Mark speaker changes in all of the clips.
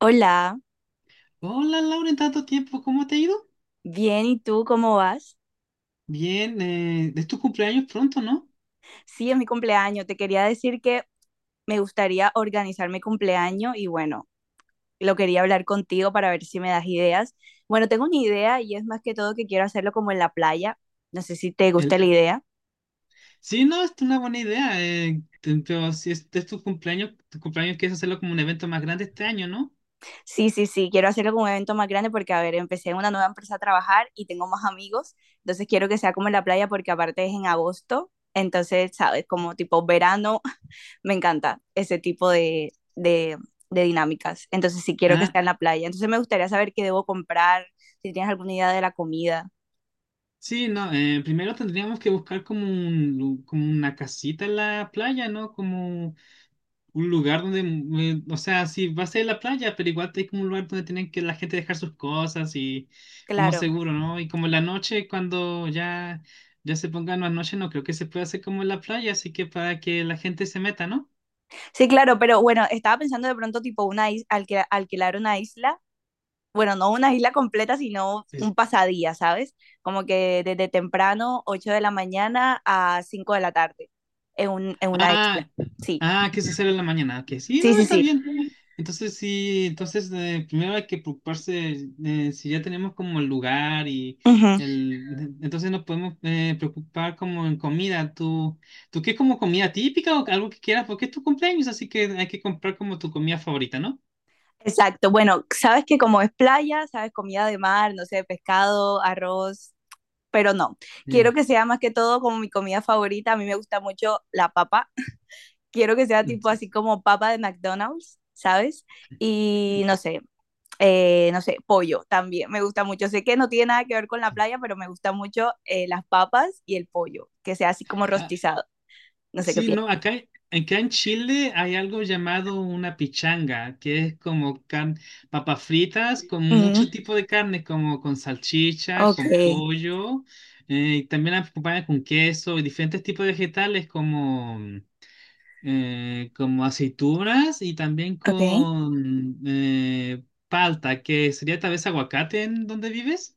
Speaker 1: Hola,
Speaker 2: Hola Laura, en tanto tiempo, ¿cómo te ha ido?
Speaker 1: bien, ¿y tú cómo vas?
Speaker 2: Bien, es tu cumpleaños pronto, ¿no?
Speaker 1: Sí, es mi cumpleaños. Te quería decir que me gustaría organizar mi cumpleaños y bueno, lo quería hablar contigo para ver si me das ideas. Bueno, tengo una idea y es más que todo que quiero hacerlo como en la playa. No sé si te gusta
Speaker 2: El...
Speaker 1: la idea.
Speaker 2: Sí, no, es una buena idea, pero si es tu cumpleaños, quieres hacerlo como un evento más grande este año, ¿no?
Speaker 1: Sí, sí, sí, quiero hacerlo como un evento más grande porque, a ver, empecé en una nueva empresa a trabajar y tengo más amigos, entonces quiero que sea como en la playa porque aparte es en agosto, entonces, ¿sabes? Como tipo verano, me encanta ese tipo de dinámicas. Entonces, si sí quiero que
Speaker 2: Ah,
Speaker 1: sea en la playa, entonces me gustaría saber qué debo comprar, si tienes alguna idea de la comida.
Speaker 2: sí, no, primero tendríamos que buscar como un como una casita en la playa, ¿no? Como un lugar donde, o sea, sí, va a ser la playa, pero igual hay como un lugar donde tienen que la gente dejar sus cosas y como
Speaker 1: Claro,
Speaker 2: seguro, ¿no? Y como en la noche, cuando ya se pongan las noches, no creo que se pueda hacer como en la playa, así que para que la gente se meta, ¿no?
Speaker 1: sí, claro, pero bueno, estaba pensando de pronto tipo una is alquil alquilar una isla, bueno, no una isla completa, sino
Speaker 2: Es-
Speaker 1: un pasadía, ¿sabes? Como que desde temprano, 8 de la mañana a 5 de la tarde, en una isla.
Speaker 2: Ah.
Speaker 1: Sí,
Speaker 2: ¿Qué es hacer en la mañana? Que sí,
Speaker 1: sí,
Speaker 2: no,
Speaker 1: sí,
Speaker 2: está
Speaker 1: sí.
Speaker 2: bien. Entonces sí, entonces primero hay que preocuparse, si ya tenemos como el lugar y entonces nos podemos, preocupar como en comida. ¿Tú qué como comida típica o algo que quieras? Porque es tu cumpleaños, así que hay que comprar como tu comida favorita, ¿no?
Speaker 1: Exacto, bueno, sabes que como es playa, sabes comida de mar, no sé, pescado, arroz, pero no, quiero
Speaker 2: Mm,
Speaker 1: que sea más que todo como mi comida favorita, a mí me gusta mucho la papa, quiero que sea
Speaker 2: mm,
Speaker 1: tipo
Speaker 2: sí.
Speaker 1: así como papa de McDonald's, ¿sabes? Y no sé, no sé, pollo también, me gusta mucho, sé que no tiene nada que ver con la
Speaker 2: Sí.
Speaker 1: playa, pero me gusta mucho las papas y el pollo, que sea así como rostizado, no sé qué
Speaker 2: Sí,
Speaker 1: piensas.
Speaker 2: no, acá en Chile hay algo llamado una pichanga, que es como papas fritas con
Speaker 1: Mm,
Speaker 2: mucho tipo de carne, como con salchicha,
Speaker 1: ok,
Speaker 2: con pollo, y también las acompañan con queso y diferentes tipos de vegetales como, como aceitunas y también
Speaker 1: ok.
Speaker 2: con palta, que sería tal vez aguacate en donde vives.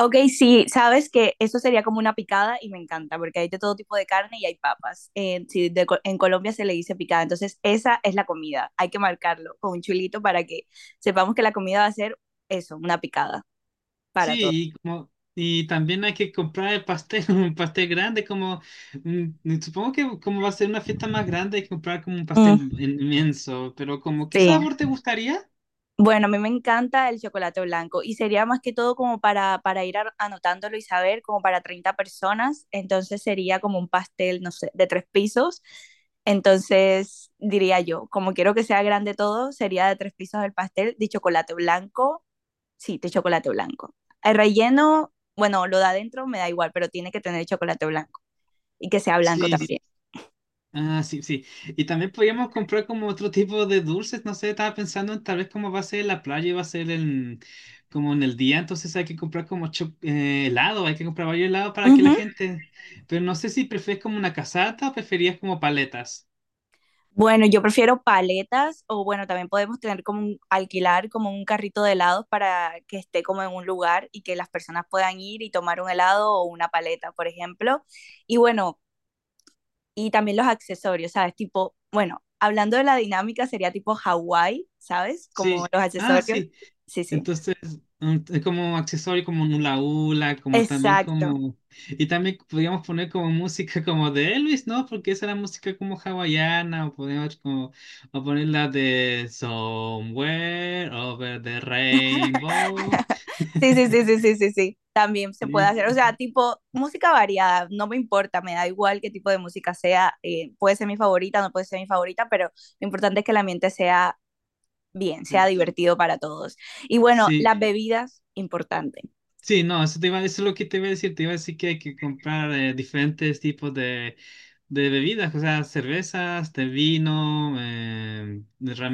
Speaker 1: Ok, sí, sabes que eso sería como una picada y me encanta porque hay de todo tipo de carne y hay papas. Sí, en Colombia se le dice picada, entonces esa es la comida. Hay que marcarlo con un chulito para que sepamos que la comida va a ser eso, una picada para todos.
Speaker 2: Sí, y como y también hay que comprar el pastel, un pastel grande como, supongo que como va a ser una fiesta más grande hay que comprar como un pastel
Speaker 1: Mm,
Speaker 2: inmenso, pero como qué
Speaker 1: sí.
Speaker 2: sabor te gustaría?
Speaker 1: Bueno, a mí me encanta el chocolate blanco y sería más que todo como para anotándolo y saber, como para 30 personas, entonces sería como un pastel, no sé, de 3 pisos, entonces diría yo, como quiero que sea grande todo, sería de 3 pisos el pastel de chocolate blanco, sí, de chocolate blanco. El relleno, bueno, lo da adentro me da igual, pero tiene que tener chocolate blanco y que sea blanco
Speaker 2: Sí,
Speaker 1: también.
Speaker 2: ah, sí, sí. Y también podríamos comprar como otro tipo de dulces, no sé, estaba pensando en tal vez, como va a ser la playa y va a ser en como en el día, entonces hay que comprar como helado, hay que comprar varios helados para que la gente, pero no sé si prefieres como una casata o preferías como paletas.
Speaker 1: Bueno, yo prefiero paletas o bueno, también podemos tener como un, alquilar como un carrito de helados para que esté como en un lugar y que las personas puedan ir y tomar un helado o una paleta, por ejemplo. Y bueno, y también los accesorios, ¿sabes? Tipo, bueno, hablando de la dinámica sería tipo Hawái, ¿sabes? Como
Speaker 2: Sí.
Speaker 1: los
Speaker 2: Ah,
Speaker 1: accesorios.
Speaker 2: sí.
Speaker 1: Sí, sí.
Speaker 2: Entonces, es como accesorio como un hula hula, como también
Speaker 1: Exacto.
Speaker 2: como... Y también podríamos poner como música como de Elvis, ¿no? Porque esa era música como hawaiana, o podemos como... O poner la de Somewhere Over the Rainbow.
Speaker 1: Sí, sí, sí, sí, sí, sí, sí. También se puede
Speaker 2: Sí,
Speaker 1: hacer, o sea, tipo música variada, no me importa, me da igual qué tipo de música sea, puede ser mi favorita, no puede ser mi favorita, pero lo importante es que el ambiente sea bien, sea
Speaker 2: sí,
Speaker 1: divertido para todos. Y bueno,
Speaker 2: sí.
Speaker 1: las bebidas, importante.
Speaker 2: Sí, no, eso, eso es lo que te iba a decir. Te iba a decir que hay que comprar, diferentes tipos de bebidas, o sea, cervezas, de vino.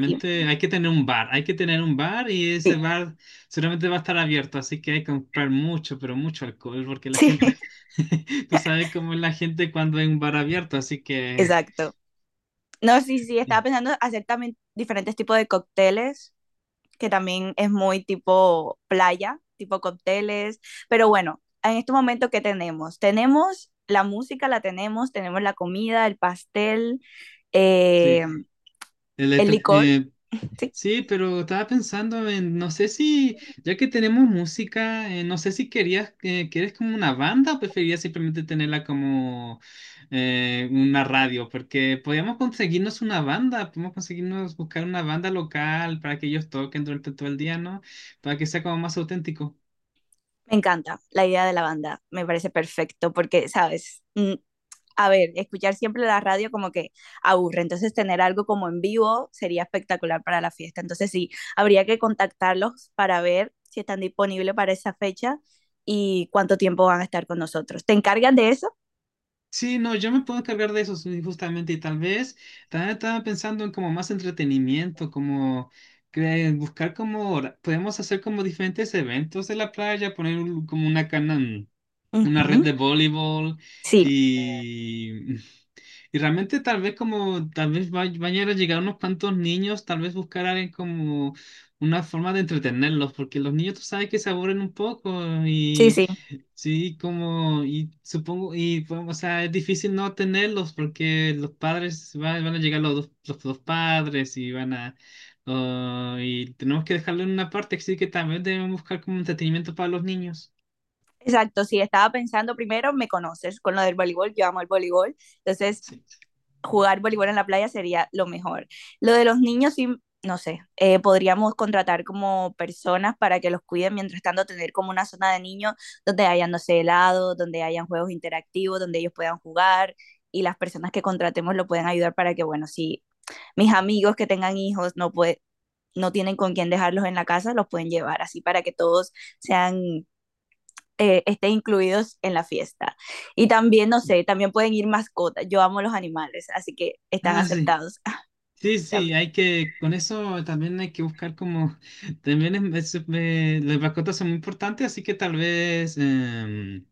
Speaker 1: Sí,
Speaker 2: hay que tener un bar, hay que tener un bar y ese
Speaker 1: sí,
Speaker 2: bar seguramente va a estar abierto, así que hay que comprar mucho, pero mucho alcohol, porque la
Speaker 1: sí,
Speaker 2: gente, tú sabes cómo es la gente cuando hay un bar abierto, así que
Speaker 1: exacto. No, sí, sí,
Speaker 2: eh,
Speaker 1: estaba pensando hacer también diferentes tipos de cócteles que también es muy tipo playa, tipo cócteles, pero bueno, en este momento, ¿qué tenemos? Tenemos la música, la tenemos, tenemos la comida, el pastel, eh,
Speaker 2: sí.
Speaker 1: el licor,
Speaker 2: El,
Speaker 1: sí,
Speaker 2: Sí, pero estaba pensando en, no sé si, ya que tenemos música, no sé si querías, quieres como una banda o preferirías simplemente tenerla como una radio, porque podríamos conseguirnos una banda, podemos conseguirnos buscar una banda local para que ellos toquen durante todo el día, ¿no? Para que sea como más auténtico.
Speaker 1: me encanta la idea de la banda, me parece perfecto porque, sabes, mm, a ver, escuchar siempre la radio como que aburre, entonces tener algo como en vivo sería espectacular para la fiesta. Entonces sí, habría que contactarlos para ver si están disponibles para esa fecha y cuánto tiempo van a estar con nosotros. ¿Te encargan de eso?
Speaker 2: Sí, no, yo me puedo encargar de eso sí, justamente, y tal vez también estaba pensando en como más entretenimiento, como buscar como podemos hacer como diferentes eventos de la playa, poner como una cana, una red
Speaker 1: Ujú.
Speaker 2: de voleibol,
Speaker 1: Sí,
Speaker 2: y y realmente tal vez, como tal vez vayan a llegar unos cuantos niños, tal vez buscar a alguien como una forma de entretenerlos, porque los niños tú sabes que se aburren un poco.
Speaker 1: sí, sí.
Speaker 2: Sí, como, y supongo, y bueno, o sea, es difícil no tenerlos porque los padres van, a llegar los dos padres y van a, oh, y tenemos que dejarlo en una parte, así que también debemos buscar como entretenimiento para los niños.
Speaker 1: Exacto, sí, estaba pensando primero, me conoces con lo del voleibol, yo amo el voleibol, entonces
Speaker 2: Sí.
Speaker 1: jugar voleibol en la playa sería lo mejor. Lo de los niños, sí, no sé, podríamos contratar como personas para que los cuiden, mientras tanto tener como una zona de niños donde hayan, no sé, helado, donde hayan juegos interactivos, donde ellos puedan jugar y las personas que contratemos lo pueden ayudar para que, bueno, si mis amigos que tengan hijos no pueden no tienen con quién dejarlos en la casa, los pueden llevar así para que todos sean estén incluidos en la fiesta. Y también, no sé, también pueden ir mascotas. Yo amo los animales, así que están
Speaker 2: Ah, sí.
Speaker 1: aceptados.
Speaker 2: Sí, sí, hay que, con eso también hay que buscar como, también las mascotas son muy importantes, así que tal vez,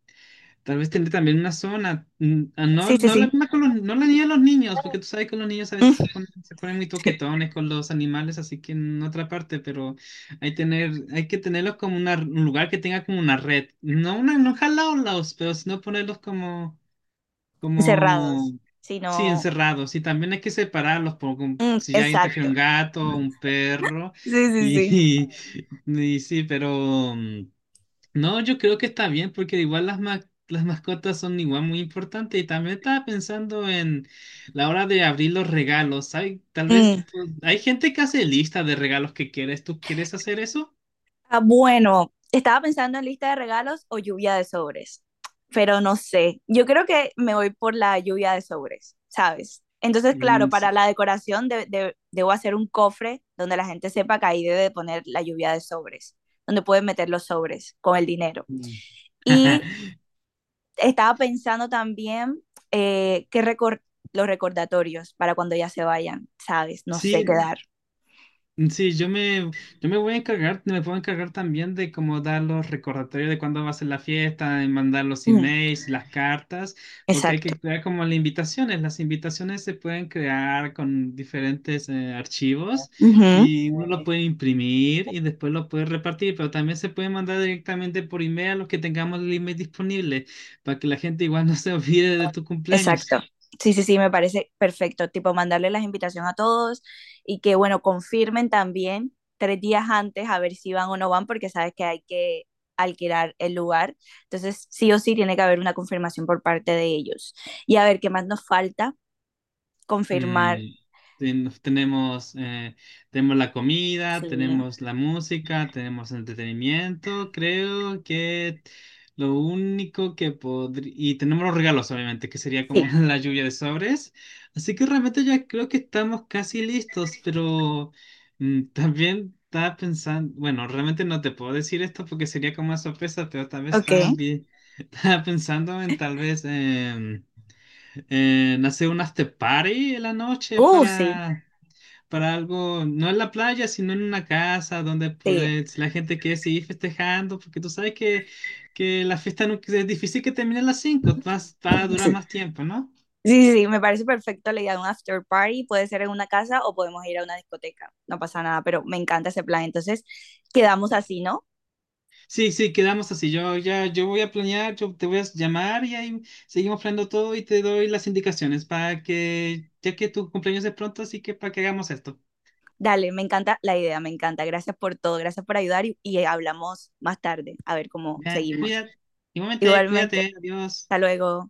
Speaker 2: tal vez tener también una zona, ah, no,
Speaker 1: Sí, sí,
Speaker 2: no la
Speaker 1: sí.
Speaker 2: misma con los, no la ni a los niños, porque tú sabes que los niños a veces se
Speaker 1: Mm,
Speaker 2: ponen, se ponen muy
Speaker 1: sí.
Speaker 2: toquetones con los animales, así que en otra parte, pero hay, tener, hay que tenerlos como un lugar que tenga como una red, no una, no jalarlos, pero sino ponerlos como, como,
Speaker 1: Encerrados. Si
Speaker 2: sí,
Speaker 1: no,
Speaker 2: encerrados, y también hay que separarlos,
Speaker 1: mm,
Speaker 2: si ya alguien trajera
Speaker 1: exacto.
Speaker 2: un gato, un perro,
Speaker 1: Sí, sí, sí.
Speaker 2: y, y sí, pero... no, yo creo que está bien porque igual las las mascotas son igual muy importantes, y también estaba pensando en la hora de abrir los regalos. Hay, tal vez
Speaker 1: Mm.
Speaker 2: hay gente que hace lista de regalos que quieres. ¿Tú quieres hacer eso?
Speaker 1: Ah, bueno, estaba pensando en lista de regalos o lluvia de sobres, pero no sé. Yo creo que me voy por la lluvia de sobres, ¿sabes? Entonces, claro,
Speaker 2: Mm,
Speaker 1: para la decoración debo hacer un cofre donde la gente sepa que ahí debe de poner la lluvia de sobres, donde pueden meter los sobres con el dinero.
Speaker 2: mm.
Speaker 1: Y estaba pensando también eh, que recor- los recordatorios para cuando ya se vayan, ¿sabes? No sé qué
Speaker 2: Sí,
Speaker 1: dar.
Speaker 2: sí, yo me voy a encargar, me puedo encargar también de como dar los recordatorios de cuándo va a ser la fiesta, de mandar los
Speaker 1: Mm,
Speaker 2: emails, las cartas, porque hay
Speaker 1: exacto.
Speaker 2: que crear como las invitaciones. Las invitaciones se pueden crear con diferentes, archivos, y uno lo puede imprimir y después lo puede repartir, pero también se puede mandar directamente por email a los que tengamos el email disponible, para que la gente igual no se olvide de tu cumpleaños.
Speaker 1: Exacto. Sí, sí, sí, me parece perfecto. Tipo, mandarle las invitaciones a todos y que, bueno, confirmen también 3 días antes a ver si van o no van, porque sabes que hay que alquilar el lugar. Entonces, sí o sí tiene que haber una confirmación por parte de ellos. Y a ver, ¿qué más nos falta? Confirmar.
Speaker 2: Mm, tenemos, la comida,
Speaker 1: Sí.
Speaker 2: tenemos la música, tenemos entretenimiento. Creo que lo único que podría... Y tenemos los regalos, obviamente, que sería
Speaker 1: Sí.
Speaker 2: como la lluvia de sobres. Así que realmente ya creo que estamos casi listos, pero también estaba pensando... Bueno, realmente no te puedo decir esto porque sería como una sorpresa, pero tal vez
Speaker 1: Ok.
Speaker 2: estaba, estaba pensando en tal vez... en hacer un after party en la noche,
Speaker 1: Sí.
Speaker 2: para algo, no en la playa, sino en una casa donde
Speaker 1: Sí.
Speaker 2: si la gente quiere seguir festejando, porque tú sabes que, la fiesta es difícil que termine a las 5 más, va a durar
Speaker 1: Sí.
Speaker 2: más tiempo, ¿no?
Speaker 1: Sí, sí, me parece perfecto la idea de un after party. Puede ser en una casa o podemos ir a una discoteca. No pasa nada, pero me encanta ese plan. Entonces, quedamos así, ¿no?
Speaker 2: Sí, sí, quedamos así. Yo voy a planear, yo te voy a llamar y ahí seguimos planeando todo y te doy las indicaciones para que, ya que tu cumpleaños es pronto, así que para que hagamos esto.
Speaker 1: Dale, me encanta la idea, me encanta. Gracias por todo, gracias por ayudar y hablamos más tarde, a ver cómo
Speaker 2: Ya,
Speaker 1: seguimos.
Speaker 2: cuídate, igualmente,
Speaker 1: Igualmente,
Speaker 2: cuídate, adiós.
Speaker 1: hasta luego.